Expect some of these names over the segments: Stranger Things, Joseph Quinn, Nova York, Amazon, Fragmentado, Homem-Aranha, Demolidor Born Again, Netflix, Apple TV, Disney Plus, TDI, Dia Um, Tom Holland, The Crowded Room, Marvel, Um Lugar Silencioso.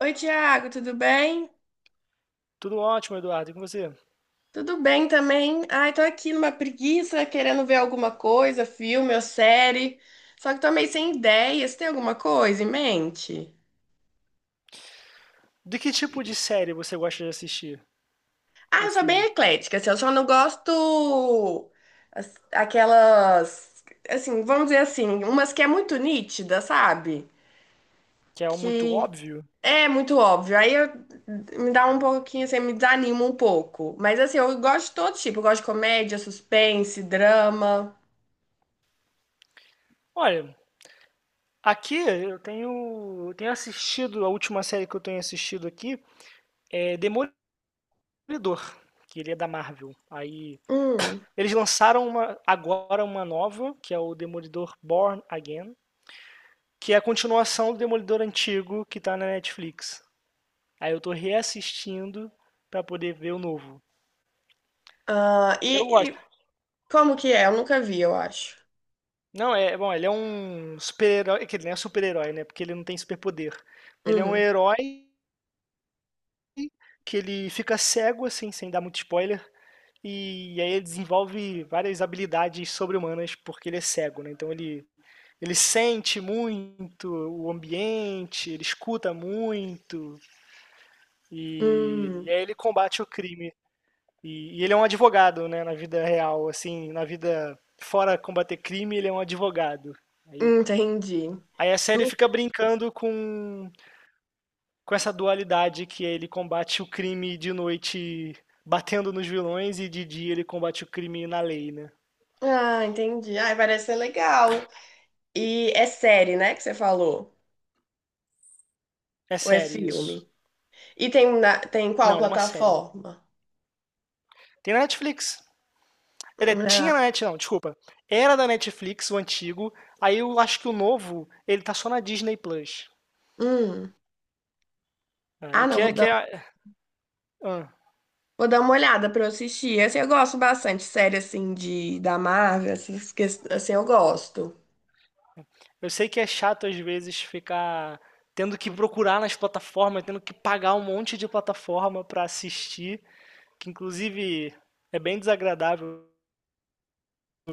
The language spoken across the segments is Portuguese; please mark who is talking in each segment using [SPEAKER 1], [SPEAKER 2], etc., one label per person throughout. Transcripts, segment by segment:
[SPEAKER 1] Oi, Tiago, tudo bem?
[SPEAKER 2] Tudo ótimo, Eduardo. E com você?
[SPEAKER 1] Tudo bem também. Ai, tô aqui numa preguiça, querendo ver alguma coisa, filme ou série. Só que tô meio sem ideias. Tem alguma coisa em mente?
[SPEAKER 2] De que tipo de série você gosta de assistir?
[SPEAKER 1] Ah,
[SPEAKER 2] Ou
[SPEAKER 1] eu sou bem
[SPEAKER 2] filme?
[SPEAKER 1] eclética, assim, eu só não gosto aquelas, assim, vamos dizer assim, umas que é muito nítida, sabe?
[SPEAKER 2] Que é muito
[SPEAKER 1] Que
[SPEAKER 2] óbvio?
[SPEAKER 1] é muito óbvio. Me dá um pouquinho, assim, me desanima um pouco. Mas assim, eu gosto de todo tipo. Eu gosto de comédia, suspense, drama.
[SPEAKER 2] Olha, aqui eu tenho assistido, a última série que eu tenho assistido aqui é Demolidor, que ele é da Marvel. Aí
[SPEAKER 1] Hum.
[SPEAKER 2] eles lançaram uma, agora uma nova, que é o Demolidor Born Again, que é a continuação do Demolidor antigo que tá na Netflix. Aí eu tô reassistindo pra poder ver o novo.
[SPEAKER 1] Ah,
[SPEAKER 2] Eu
[SPEAKER 1] e
[SPEAKER 2] gosto.
[SPEAKER 1] como que é? Eu nunca vi, eu acho.
[SPEAKER 2] Não, é, bom, ele é um super-herói, é que ele não é super-herói, né? Porque ele não tem superpoder. Ele é um
[SPEAKER 1] Hum,
[SPEAKER 2] herói que ele fica cego, assim, sem dar muito spoiler, e aí ele desenvolve várias habilidades sobre-humanas porque ele é cego, né? Então ele sente muito o ambiente, ele escuta muito, e,
[SPEAKER 1] hum,
[SPEAKER 2] e aí ele combate o crime. E ele é um advogado, né? Na vida real, assim, na vida fora combater crime, ele é um advogado. Aí
[SPEAKER 1] entendi.
[SPEAKER 2] Aí a série
[SPEAKER 1] Du-
[SPEAKER 2] fica brincando com essa dualidade que é ele combate o crime de noite batendo nos vilões e de dia ele combate o crime na lei, né?
[SPEAKER 1] Ah, entendi. Ai, parece ser legal. E é série, né, que você falou?
[SPEAKER 2] É
[SPEAKER 1] Ou é
[SPEAKER 2] série isso.
[SPEAKER 1] filme? E tem qual
[SPEAKER 2] Não, ela é uma série.
[SPEAKER 1] plataforma?
[SPEAKER 2] Tem na Netflix. Ele é,
[SPEAKER 1] Ah,
[SPEAKER 2] tinha na Netflix, não, desculpa. Era da Netflix, o antigo. Aí eu acho que o novo, ele tá só na Disney Plus.
[SPEAKER 1] hum. Ah,
[SPEAKER 2] Aí
[SPEAKER 1] não,
[SPEAKER 2] que é que é. ah,
[SPEAKER 1] vou dar uma olhada pra eu assistir. Assim, eu gosto bastante, série assim, de, da Marvel, assim, eu gosto.
[SPEAKER 2] eu sei que é chato às vezes ficar tendo que procurar nas plataformas, tendo que pagar um monte de plataforma pra assistir. Que inclusive é bem desagradável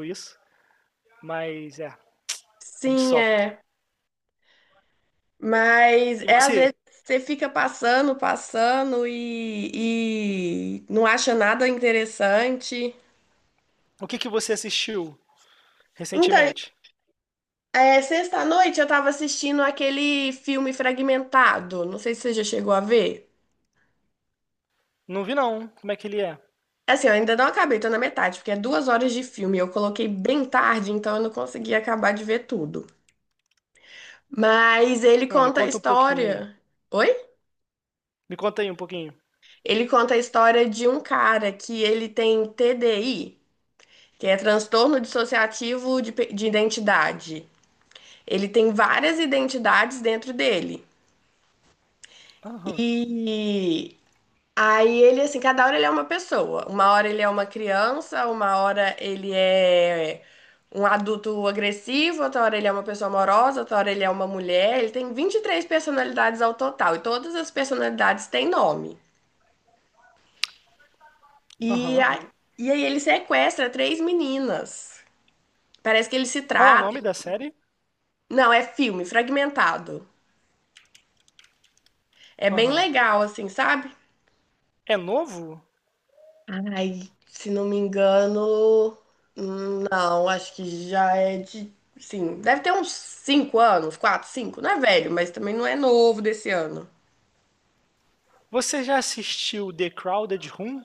[SPEAKER 2] isso, mas é, a gente
[SPEAKER 1] Sim,
[SPEAKER 2] sofre.
[SPEAKER 1] é. Mas
[SPEAKER 2] E
[SPEAKER 1] é às vezes
[SPEAKER 2] você,
[SPEAKER 1] você fica passando, passando e não acha nada interessante.
[SPEAKER 2] o que, que você assistiu
[SPEAKER 1] Então,
[SPEAKER 2] recentemente?
[SPEAKER 1] é, sexta-noite eu tava assistindo aquele filme Fragmentado. Não sei se você já chegou a ver.
[SPEAKER 2] Não vi não, como é que ele é?
[SPEAKER 1] Assim, eu ainda não acabei, tô na metade, porque é 2 horas de filme. Eu coloquei bem tarde, então eu não consegui acabar de ver tudo. Mas ele
[SPEAKER 2] Ah, me
[SPEAKER 1] conta a
[SPEAKER 2] conta um pouquinho aí.
[SPEAKER 1] história. Oi?
[SPEAKER 2] Me conta aí um pouquinho.
[SPEAKER 1] Ele conta a história de um cara que ele tem TDI, que é transtorno dissociativo de identidade. Ele tem várias identidades dentro dele.
[SPEAKER 2] Aham,
[SPEAKER 1] E aí ele, assim, cada hora ele é uma pessoa. Uma hora ele é uma criança, uma hora ele é um adulto agressivo, outra hora ele é uma pessoa amorosa, outra hora ele é uma mulher. Ele tem 23 personalidades ao total, e todas as personalidades têm nome.
[SPEAKER 2] aham.
[SPEAKER 1] Uhum. E aí ele sequestra 3 meninas. Parece que ele se
[SPEAKER 2] Qual é o
[SPEAKER 1] trata.
[SPEAKER 2] nome da série?
[SPEAKER 1] Não, é filme, fragmentado. É bem
[SPEAKER 2] Aham.
[SPEAKER 1] legal, assim, sabe?
[SPEAKER 2] É novo?
[SPEAKER 1] Ai, se não me engano, não, acho que já é de, sim, deve ter uns 5 anos, 4, 5, não é velho, mas também não é novo desse ano.
[SPEAKER 2] Você já assistiu The Crowded Room?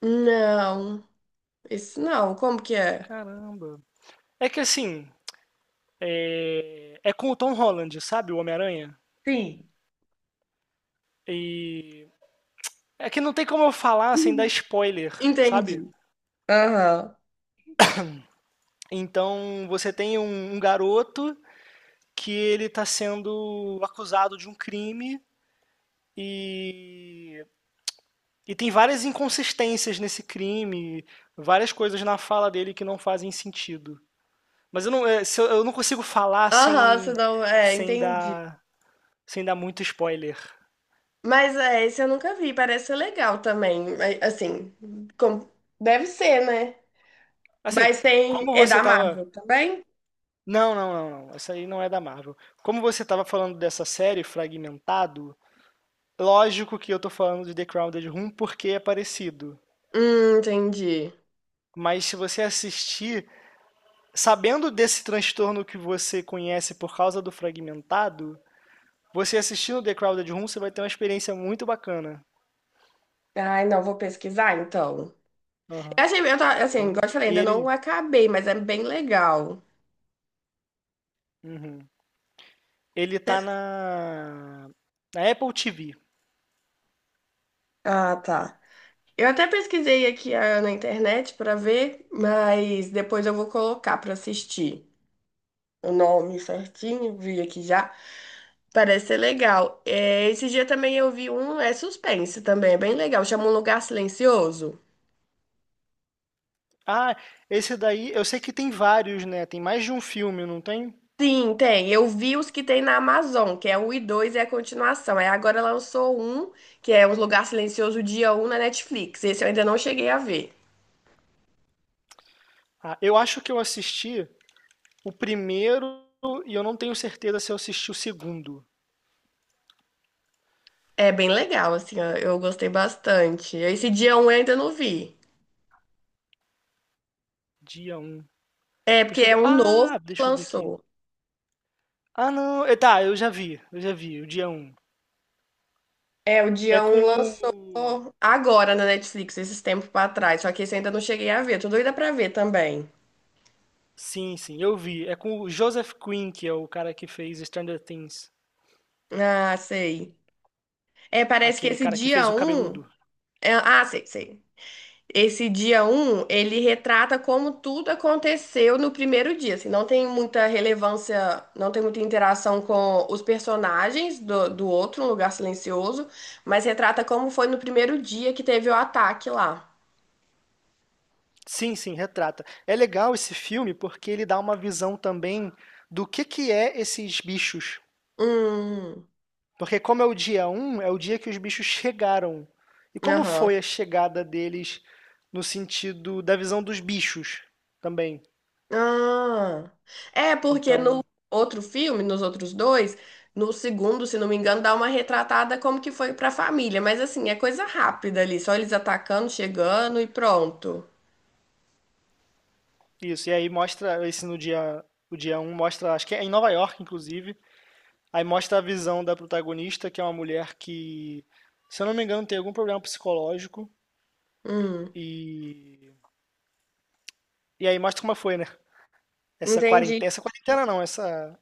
[SPEAKER 1] Não, esse não, como que é?
[SPEAKER 2] Caramba. É que assim, é com o Tom Holland, sabe? O Homem-Aranha.
[SPEAKER 1] Sim.
[SPEAKER 2] E é que não tem como eu falar sem dar spoiler, sabe?
[SPEAKER 1] Entendi. Aham.
[SPEAKER 2] Então você tem um, um garoto que ele está sendo acusado de um crime e, e tem várias inconsistências nesse crime, várias coisas na fala dele que não fazem sentido. Mas eu não, é, se eu, eu não consigo falar
[SPEAKER 1] Aham,
[SPEAKER 2] sem,
[SPEAKER 1] senão é,
[SPEAKER 2] sem
[SPEAKER 1] entendi.
[SPEAKER 2] dar, sem dar muito spoiler.
[SPEAKER 1] Mas é, esse eu nunca vi, parece ser legal também, é, assim, com- deve ser, né?
[SPEAKER 2] Assim,
[SPEAKER 1] Mas tem,
[SPEAKER 2] como
[SPEAKER 1] é
[SPEAKER 2] você
[SPEAKER 1] da
[SPEAKER 2] tava.
[SPEAKER 1] Marvel também?
[SPEAKER 2] Não, não, não, não. Essa aí não é da Marvel. Como você tava falando dessa série, Fragmentado, lógico que eu tô falando de The Crowded Room porque é parecido.
[SPEAKER 1] Entendi.
[SPEAKER 2] Mas se você assistir, sabendo desse transtorno que você conhece por causa do fragmentado, você assistindo The Crowded Room, você vai ter uma experiência muito bacana.
[SPEAKER 1] Ai, não, vou pesquisar então. Eu
[SPEAKER 2] Uhum.
[SPEAKER 1] achei, eu tava, assim, igual eu te falei,
[SPEAKER 2] E
[SPEAKER 1] ainda não
[SPEAKER 2] ele.
[SPEAKER 1] acabei, mas é bem legal.
[SPEAKER 2] Uhum. Ele tá
[SPEAKER 1] Até-
[SPEAKER 2] na. Na Apple TV.
[SPEAKER 1] Ah, tá. Eu até pesquisei aqui na internet pra ver, mas depois eu vou colocar pra assistir o nome certinho, vi aqui já. Parece ser legal. É, esse dia também eu vi um, é suspense também, é bem legal. Chama Um Lugar Silencioso.
[SPEAKER 2] Ah, esse daí, eu sei que tem vários, né? Tem mais de um filme, não tem?
[SPEAKER 1] Sim, tem. Eu vi os que tem na Amazon, que é o 1 e 2 é a continuação. Aí agora lançou um, que é Um Lugar Silencioso, dia um na Netflix. Esse eu ainda não cheguei a ver.
[SPEAKER 2] Ah, eu acho que eu assisti o primeiro e eu não tenho certeza se eu assisti o segundo.
[SPEAKER 1] É bem legal, assim, ó, eu gostei bastante. Esse dia um eu ainda não vi.
[SPEAKER 2] Dia um.
[SPEAKER 1] É, porque
[SPEAKER 2] Deixa
[SPEAKER 1] é
[SPEAKER 2] eu.
[SPEAKER 1] um novo
[SPEAKER 2] Ah,
[SPEAKER 1] que
[SPEAKER 2] deixa eu ver aqui.
[SPEAKER 1] lançou.
[SPEAKER 2] Ah, não. Tá, eu já vi. Eu já vi, o dia um.
[SPEAKER 1] É, o
[SPEAKER 2] É
[SPEAKER 1] dia
[SPEAKER 2] com
[SPEAKER 1] um lançou
[SPEAKER 2] o.
[SPEAKER 1] agora na Netflix, esses tempos pra trás. Só que esse eu ainda não cheguei a ver. Tô doida pra ver também.
[SPEAKER 2] Sim, sim, eu vi. É com o Joseph Quinn, que é o cara que fez Stranger Things.
[SPEAKER 1] Ah, sei. É, parece que
[SPEAKER 2] Aquele
[SPEAKER 1] esse
[SPEAKER 2] cara que
[SPEAKER 1] dia
[SPEAKER 2] fez o
[SPEAKER 1] um
[SPEAKER 2] cabeludo.
[SPEAKER 1] Ah, sei, sei. Esse dia um ele retrata como tudo aconteceu no primeiro dia, assim, não tem muita relevância, não tem muita interação com os personagens do outro, Um Lugar Silencioso, mas retrata como foi no primeiro dia que teve o ataque lá.
[SPEAKER 2] Sim, sim, retrata. É legal esse filme porque ele dá uma visão também do que é esses bichos.
[SPEAKER 1] Hum,
[SPEAKER 2] Porque como é o dia um, é o dia que os bichos chegaram. E como
[SPEAKER 1] aham.
[SPEAKER 2] foi a chegada deles no sentido da visão dos bichos também.
[SPEAKER 1] Ah, é porque no
[SPEAKER 2] Então,
[SPEAKER 1] outro filme, nos outros dois, no segundo, se não me engano, dá uma retratada como que foi pra família, mas assim, é coisa rápida ali, só eles atacando, chegando e pronto.
[SPEAKER 2] isso, e aí mostra esse no dia, o dia um mostra, acho que é em Nova York, inclusive. Aí mostra a visão da protagonista, que é uma mulher que, se eu não me engano, tem algum problema psicológico.
[SPEAKER 1] Hum.
[SPEAKER 2] E, e aí mostra como foi, né?
[SPEAKER 1] Entendi.
[SPEAKER 2] Essa quarentena não, essa,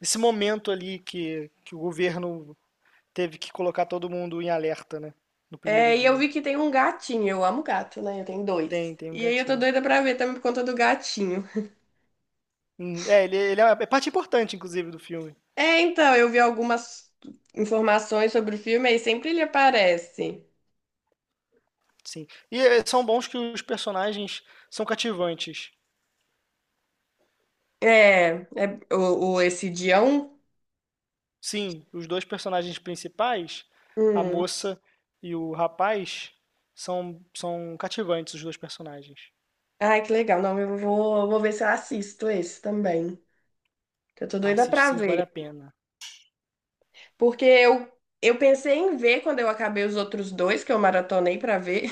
[SPEAKER 2] esse momento ali que o governo teve que colocar todo mundo em alerta, né? No primeiro
[SPEAKER 1] É, e eu
[SPEAKER 2] dia.
[SPEAKER 1] vi que tem um gatinho. Eu amo gato, né? Eu tenho dois.
[SPEAKER 2] Tem, tem um
[SPEAKER 1] E aí eu tô
[SPEAKER 2] gatinho.
[SPEAKER 1] doida pra ver também por conta do gatinho.
[SPEAKER 2] É, ele é uma- é parte importante, inclusive, do filme.
[SPEAKER 1] É, então, eu vi algumas informações sobre o filme aí sempre ele aparece.
[SPEAKER 2] Sim. E são bons que os personagens são cativantes.
[SPEAKER 1] É, é o esse Dião.
[SPEAKER 2] Sim, os dois personagens principais, a
[SPEAKER 1] Hum.
[SPEAKER 2] moça e o rapaz, são, são cativantes os dois personagens.
[SPEAKER 1] Ai, que legal. Não, vou ver se eu assisto esse também, que eu tô
[SPEAKER 2] A
[SPEAKER 1] doida
[SPEAKER 2] City
[SPEAKER 1] pra
[SPEAKER 2] 5 vale
[SPEAKER 1] ver.
[SPEAKER 2] a pena.
[SPEAKER 1] Porque eu pensei em ver quando eu acabei os outros dois que eu maratonei pra ver.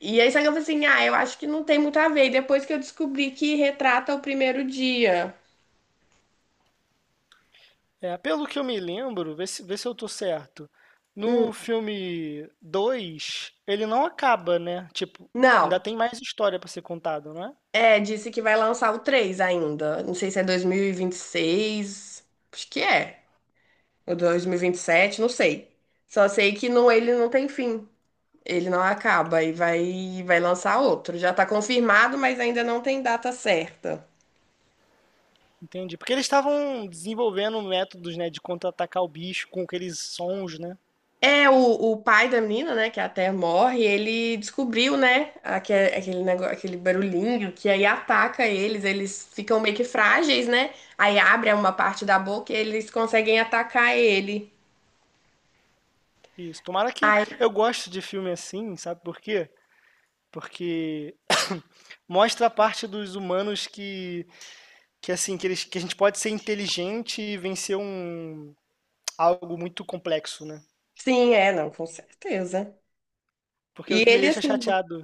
[SPEAKER 1] E aí, só que eu falei assim, ah, eu acho que não tem muito a ver. E depois que eu descobri que retrata o primeiro dia.
[SPEAKER 2] É, pelo que eu me lembro, vê se eu tô certo. No filme 2 ele não acaba, né? Tipo, ainda
[SPEAKER 1] Não,
[SPEAKER 2] tem mais história pra ser contada, não é?
[SPEAKER 1] é, disse que vai lançar o 3 ainda. Não sei se é dois mil e vinte e seis acho que é. Ou 2027, não sei. Só sei que não, ele não tem fim. Ele não acaba e vai lançar outro. Já tá confirmado, mas ainda não tem data certa.
[SPEAKER 2] Entendi. Porque eles estavam desenvolvendo métodos, né, de contra-atacar o bicho com aqueles sons, né?
[SPEAKER 1] É, o pai da menina, né, que até morre, ele descobriu, né, aquele negócio, aquele barulhinho que aí ataca eles, eles ficam meio que frágeis, né? Aí abre uma parte da boca e eles conseguem atacar ele.
[SPEAKER 2] Isso. Tomara que.
[SPEAKER 1] Aí,
[SPEAKER 2] Eu gosto de filme assim, sabe por quê? Porque mostra a parte dos humanos que assim, que, eles, que a gente pode ser inteligente e vencer um, algo muito complexo, né?
[SPEAKER 1] sim, é, não, com certeza.
[SPEAKER 2] Porque o
[SPEAKER 1] E
[SPEAKER 2] que me
[SPEAKER 1] ele,
[SPEAKER 2] deixa
[SPEAKER 1] assim,
[SPEAKER 2] chateado.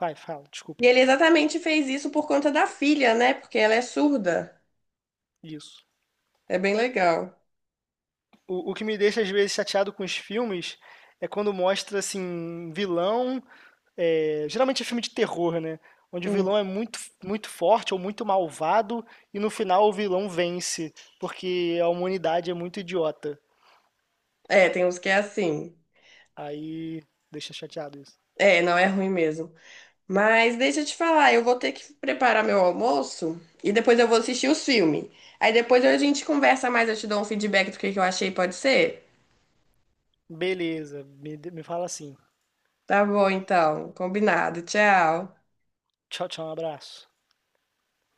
[SPEAKER 2] Vai, fala,
[SPEAKER 1] e
[SPEAKER 2] desculpa.
[SPEAKER 1] ele exatamente fez isso por conta da filha, né? Porque ela é surda.
[SPEAKER 2] Isso.
[SPEAKER 1] É bem legal.
[SPEAKER 2] O que me deixa, às vezes, chateado com os filmes é quando mostra, assim, vilão. É, geralmente é filme de terror, né? Onde o
[SPEAKER 1] Hum.
[SPEAKER 2] vilão é muito, muito forte ou muito malvado e no final o vilão vence, porque a humanidade é muito idiota.
[SPEAKER 1] É, tem uns que é assim.
[SPEAKER 2] Aí deixa chateado isso.
[SPEAKER 1] É, não é ruim mesmo. Mas deixa eu te falar, eu vou ter que preparar meu almoço e depois eu vou assistir os filmes. Aí depois a gente conversa mais, eu te dou um feedback do que eu achei, pode ser?
[SPEAKER 2] Beleza, me fala assim.
[SPEAKER 1] Tá bom, então. Combinado. Tchau.
[SPEAKER 2] Tchau, tchau, um abraço.